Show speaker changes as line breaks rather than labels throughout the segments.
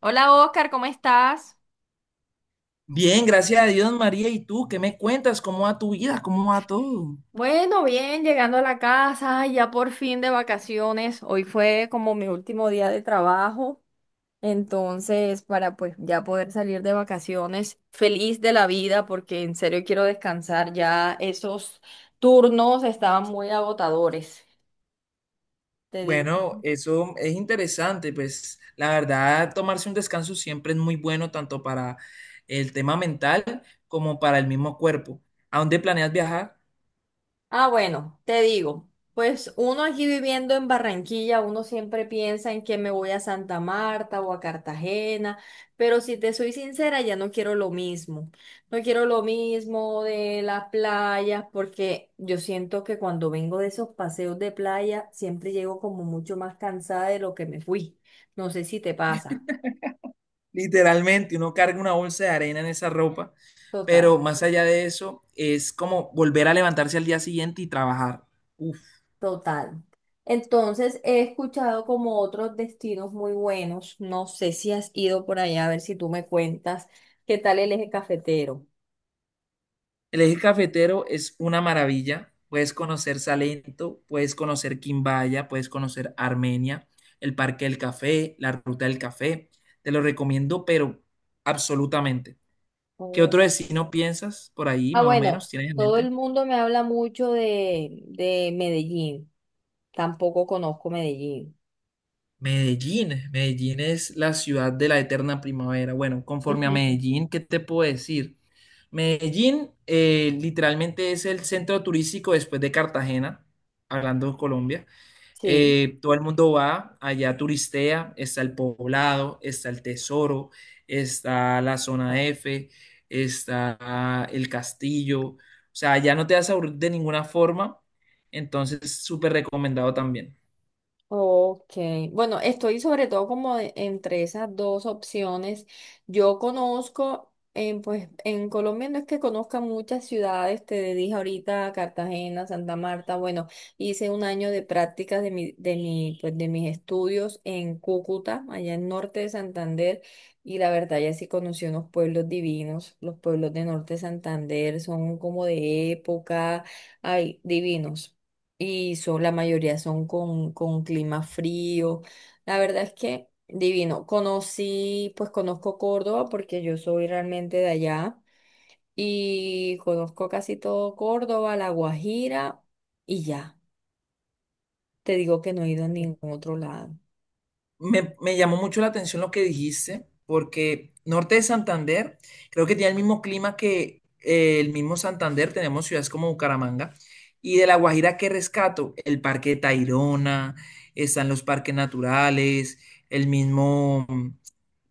Hola Oscar, ¿cómo estás?
Bien, gracias a Dios, María. ¿Y tú qué me cuentas? ¿Cómo va tu vida? ¿Cómo va todo?
Bueno, bien, llegando a la casa, ay, ya por fin de vacaciones. Hoy fue como mi último día de trabajo, entonces para pues ya poder salir de vacaciones, feliz de la vida porque en serio quiero descansar, ya esos turnos estaban muy agotadores. Te digo.
Bueno, eso es interesante, pues la verdad, tomarse un descanso siempre es muy bueno tanto para el tema mental como para el mismo cuerpo. ¿A dónde planeas viajar?
Ah, bueno, te digo, pues uno aquí viviendo en Barranquilla, uno siempre piensa en que me voy a Santa Marta o a Cartagena, pero si te soy sincera, ya no quiero lo mismo. No quiero lo mismo de las playas, porque yo siento que cuando vengo de esos paseos de playa, siempre llego como mucho más cansada de lo que me fui. No sé si te pasa.
Literalmente, uno carga una bolsa de arena en esa ropa,
Total.
pero más allá de eso, es como volver a levantarse al día siguiente y trabajar. Uf.
Total. Entonces, he escuchado como otros destinos muy buenos. No sé si has ido por allá, a ver si tú me cuentas qué tal el eje cafetero.
El eje cafetero es una maravilla. Puedes conocer Salento, puedes conocer Quimbaya, puedes conocer Armenia, el Parque del Café, la Ruta del Café. Te lo recomiendo, pero absolutamente. ¿Qué
Oh.
otro destino piensas por ahí,
Ah,
más o
bueno,
menos, tienes en
todo el
mente?
mundo me habla mucho de Medellín. Tampoco conozco Medellín.
Medellín. Medellín es la ciudad de la eterna primavera. Bueno, conforme a Medellín, ¿qué te puedo decir? Medellín literalmente es el centro turístico después de Cartagena, hablando de Colombia.
Sí.
Todo el mundo va allá, turistea, está el poblado, está el tesoro, está la zona F, está el castillo. O sea, ya no te vas a aburrir de ninguna forma. Entonces, súper recomendado también.
Ok, bueno, estoy sobre todo como entre esas dos opciones. Yo conozco, pues en Colombia no es que conozca muchas ciudades, te dije ahorita Cartagena, Santa Marta, bueno, hice un año de prácticas pues de mis estudios en Cúcuta, allá en norte de Santander, y la verdad ya sí conocí unos pueblos divinos, los pueblos de norte de Santander son como de época, ay, divinos y son, la mayoría son con clima frío. La verdad es que divino. Conocí, pues conozco Córdoba porque yo soy realmente de allá y conozco casi todo Córdoba, La Guajira y ya. Te digo que no he ido a ningún otro lado.
Me llamó mucho la atención lo que dijiste, porque Norte de Santander creo que tiene el mismo clima que el mismo Santander, tenemos ciudades como Bucaramanga, y de La Guajira que rescato, el Parque de Tayrona, están los parques naturales, el mismo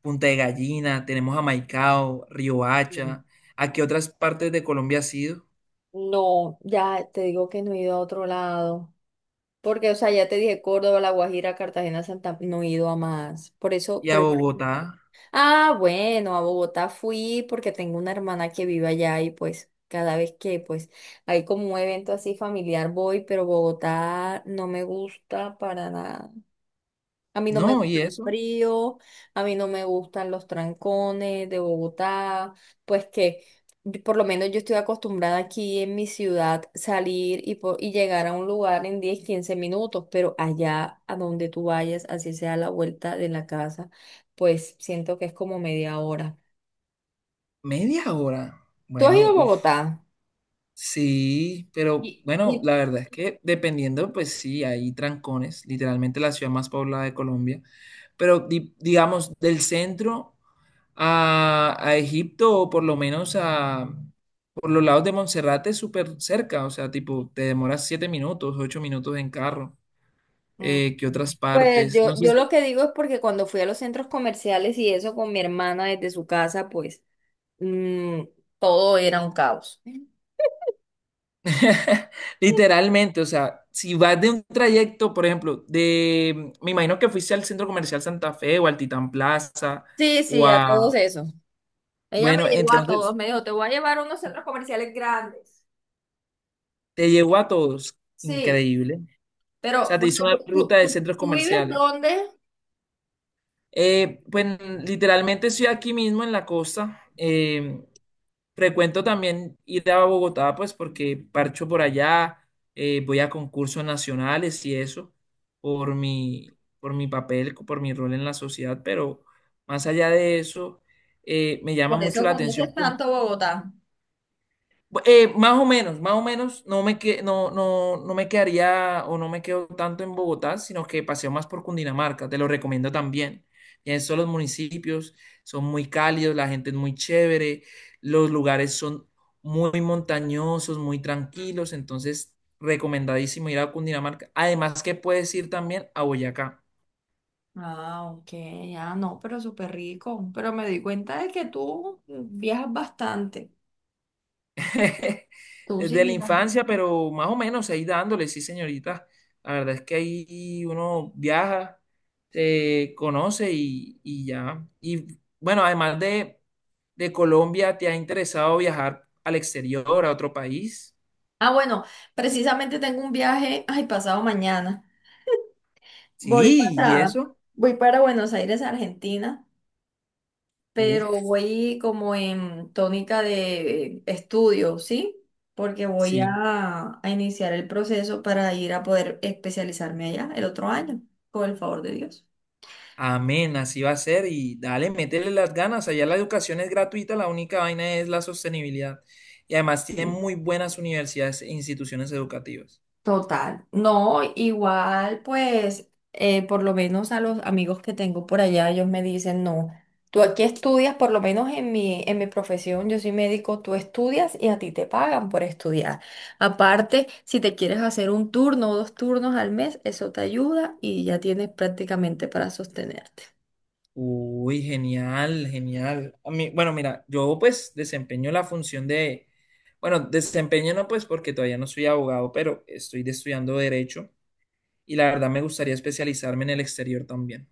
Punta de Gallina, tenemos a Maicao,
Mm.
Riohacha, ¿a qué otras partes de Colombia has ido?
No, ya te digo que no he ido a otro lado. Porque, o sea, ya te dije Córdoba, La Guajira, Cartagena, Santa, no he ido a más.
Y
Por
a
eso
Bogotá,
Ah, bueno, a Bogotá fui porque tengo una hermana que vive allá y pues cada vez que pues hay como un evento así familiar voy, pero Bogotá no me gusta para nada. A mí no me
no,
gusta
y
el
eso,
frío, a mí no me gustan los trancones de Bogotá, pues que por lo menos yo estoy acostumbrada aquí en mi ciudad salir y, y llegar a un lugar en 10 15 minutos, pero allá a donde tú vayas, así sea la vuelta de la casa, pues siento que es como media hora.
media hora,
¿Tú has ido
bueno,
a
uff.
Bogotá?
Sí, pero
Y,
bueno,
y-
la verdad es que dependiendo, pues sí, hay trancones, literalmente la ciudad más poblada de Colombia, pero digamos del centro a Egipto o por lo menos a por los lados de Monserrate es súper cerca, o sea, tipo te demoras siete minutos, ocho minutos en carro,
Mm.
que otras
Pues
partes, no
yo,
sé.
yo lo que digo es porque cuando fui a los centros comerciales y eso con mi hermana desde su casa, pues mm, todo era un caos.
Literalmente, o sea, si vas de un trayecto, por ejemplo, de, me imagino que fuiste al Centro Comercial Santa Fe o al Titán Plaza
Sí,
o
sí, a todos
a,
eso. Ella me
bueno,
llevó a todos,
entonces
me dijo, te voy a llevar a unos centros comerciales grandes.
te llevó a todos,
Sí,
increíble. O
pero
sea, te
bueno,
hizo
¿tú,
una ruta
tú,
de
tú-
centros
tú vives
comerciales.
dónde?
Pues literalmente estoy aquí mismo en la costa. Frecuento también ir a Bogotá, pues porque parcho por allá, voy a concursos nacionales y eso, por mi papel, por mi rol en la sociedad, pero más allá de eso, me llama
Por
mucho
eso
la atención.
conoces tanto Bogotá.
Más o menos, más o menos, no me, que, no, no, no me quedaría o no me quedo tanto en Bogotá, sino que paseo más por Cundinamarca, te lo recomiendo también. Ya en son los municipios, son muy cálidos, la gente es muy chévere, los lugares son muy montañosos, muy tranquilos, entonces recomendadísimo ir a Cundinamarca. Además que puedes ir también a Boyacá.
Ah, ok, ah, no, pero súper rico. Pero me di cuenta de que tú viajas bastante. Tú sí
Desde la
viajas.
infancia, pero más o menos ahí dándole, sí, señorita. La verdad es que ahí uno viaja, se conoce y ya. Y bueno, además de Colombia, ¿te ha interesado viajar al exterior, a otro país?
Ah, bueno, precisamente tengo un viaje, ay, pasado mañana. Voy
Sí, ¿y
para,
eso?
voy para Buenos Aires, Argentina. Pero
Uf,
voy como en tónica de estudio, ¿sí? Porque voy
sí.
a iniciar el proceso para ir a poder especializarme allá el otro año, con el favor de Dios.
Amén, así va a ser. Y dale, métele las ganas. Allá la educación es gratuita, la única vaina es la sostenibilidad. Y además tienen muy buenas universidades e instituciones educativas.
Total. No, igual, pues, por lo menos a los amigos que tengo por allá, ellos me dicen, no, tú aquí estudias, por lo menos en mi profesión, yo soy médico, tú estudias y a ti te pagan por estudiar. Aparte, si te quieres hacer un turno o dos turnos al mes, eso te ayuda y ya tienes prácticamente para sostenerte.
Uy, genial, genial. A mí, bueno, mira, yo pues desempeño la función de, bueno, desempeño no pues porque todavía no soy abogado, pero estudiando derecho y la verdad me gustaría especializarme en el exterior también.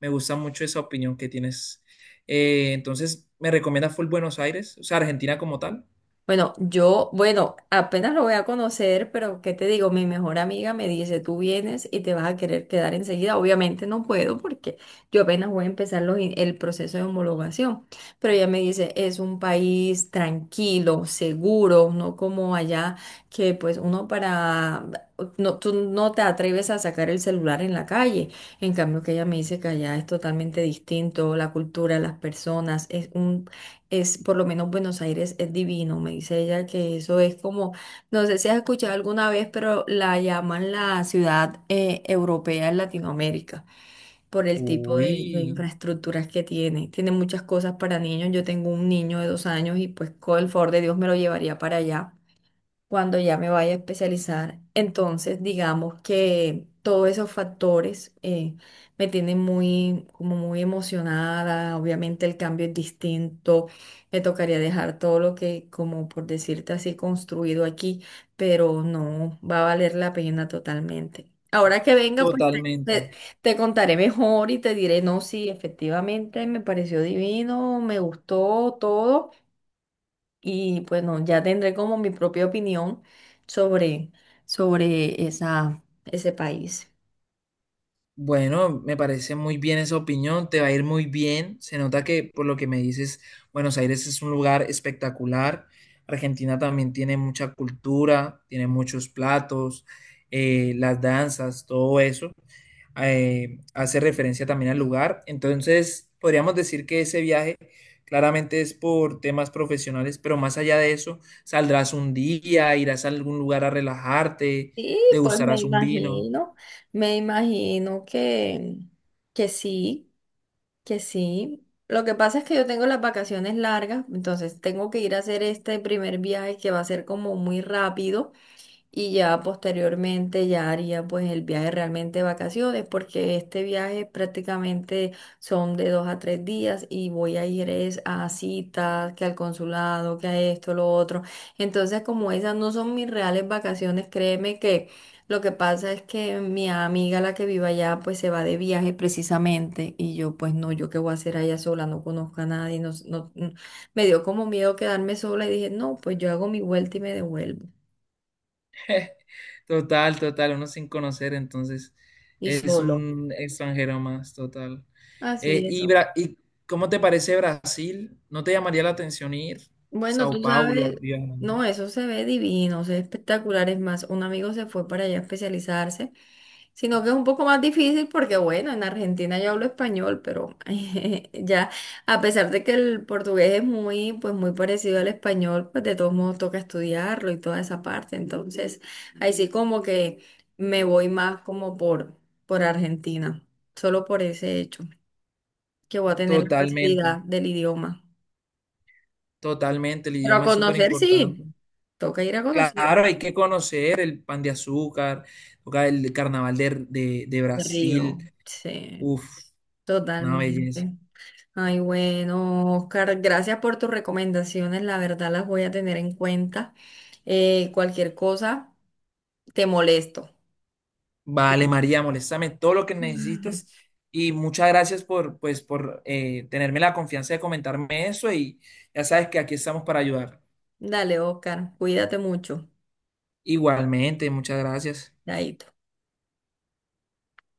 Me gusta mucho esa opinión que tienes. Entonces, ¿me recomienda full Buenos Aires? O sea, Argentina como tal.
Bueno, bueno, apenas lo voy a conocer, pero ¿qué te digo? Mi mejor amiga me dice, tú vienes y te vas a querer quedar enseguida. Obviamente no puedo porque yo apenas voy a empezar el proceso de homologación, pero ella me dice, es un país tranquilo, seguro, no como allá que pues uno para, no, tú no te atreves a sacar el celular en la calle. En cambio, que ella me dice que allá es totalmente distinto, la cultura, las personas, por lo menos Buenos Aires es divino, me dice ella que eso es como, no sé si has escuchado alguna vez, pero la llaman la ciudad europea en Latinoamérica por el tipo de
Uy,
infraestructuras que tiene. Tiene muchas cosas para niños, yo tengo un niño de 2 años y pues con el favor de Dios me lo llevaría para allá cuando ya me vaya a especializar. Entonces, digamos que todos esos factores me tienen muy, como muy emocionada. Obviamente el cambio es distinto. Me tocaría dejar todo lo que, como por decirte así, construido aquí, pero no va a valer la pena totalmente. Ahora que venga, pues
totalmente.
te contaré mejor y te diré, no, sí, efectivamente me pareció divino, me gustó todo. Y bueno, ya tendré como mi propia opinión sobre, sobre esa, ese país.
Bueno, me parece muy bien esa opinión, te va a ir muy bien. Se nota que por lo que me dices, Buenos Aires es un lugar espectacular. Argentina también tiene mucha cultura, tiene muchos platos, las danzas, todo eso. Hace referencia también al lugar. Entonces, podríamos decir que ese viaje claramente es por temas profesionales, pero más allá de eso, saldrás un día, irás a algún lugar a relajarte,
Y pues
degustarás un vino.
me imagino que sí, que sí. Lo que pasa es que yo tengo las vacaciones largas, entonces tengo que ir a hacer este primer viaje que va a ser como muy rápido. Y ya posteriormente ya haría pues el viaje realmente de vacaciones porque este viaje prácticamente son de 2 a 3 días y voy a ir es a citas, que al consulado, que a esto, lo otro. Entonces como esas no son mis reales vacaciones, créeme que lo que pasa es que mi amiga la que vive allá pues se va de viaje precisamente y yo pues no, yo qué voy a hacer allá sola, no conozco a nadie, no, no, no. Me dio como miedo quedarme sola y dije no, pues yo hago mi vuelta y me devuelvo
Total, total, uno sin conocer, entonces
y
es
solo.
un extranjero más, total.
Así es. ¿No?
¿Y cómo te parece Brasil? ¿No te llamaría la atención ir?
Bueno,
Sao
tú
Paulo,
sabes,
Río de Janeiro.
no, eso se ve divino, se ve espectacular. Es más, un amigo se fue para allá a especializarse, sino que es un poco más difícil porque, bueno, en Argentina yo hablo español, pero ya, a pesar de que el portugués es muy, pues muy parecido al español, pues de todos modos toca estudiarlo y toda esa parte. Entonces, ahí sí como que me voy más como por Argentina, solo por ese hecho, que voy a tener la facilidad
Totalmente,
del idioma.
totalmente, el
Pero a
idioma es súper
conocer
importante.
sí, toca ir a conocer
Claro, hay que conocer el pan de azúcar, toca el carnaval de, de
el río,
Brasil,
sí,
uf, una belleza.
totalmente. Ay, bueno, Oscar, gracias por tus recomendaciones, la verdad las voy a tener en cuenta. Cualquier cosa, te molesto.
Vale, María, moléstame todo lo que necesites y muchas gracias por, pues, por tenerme la confianza de comentarme eso y ya sabes que aquí estamos para ayudar.
Dale, Oscar, cuídate mucho.
Igualmente, muchas gracias.
Chaito.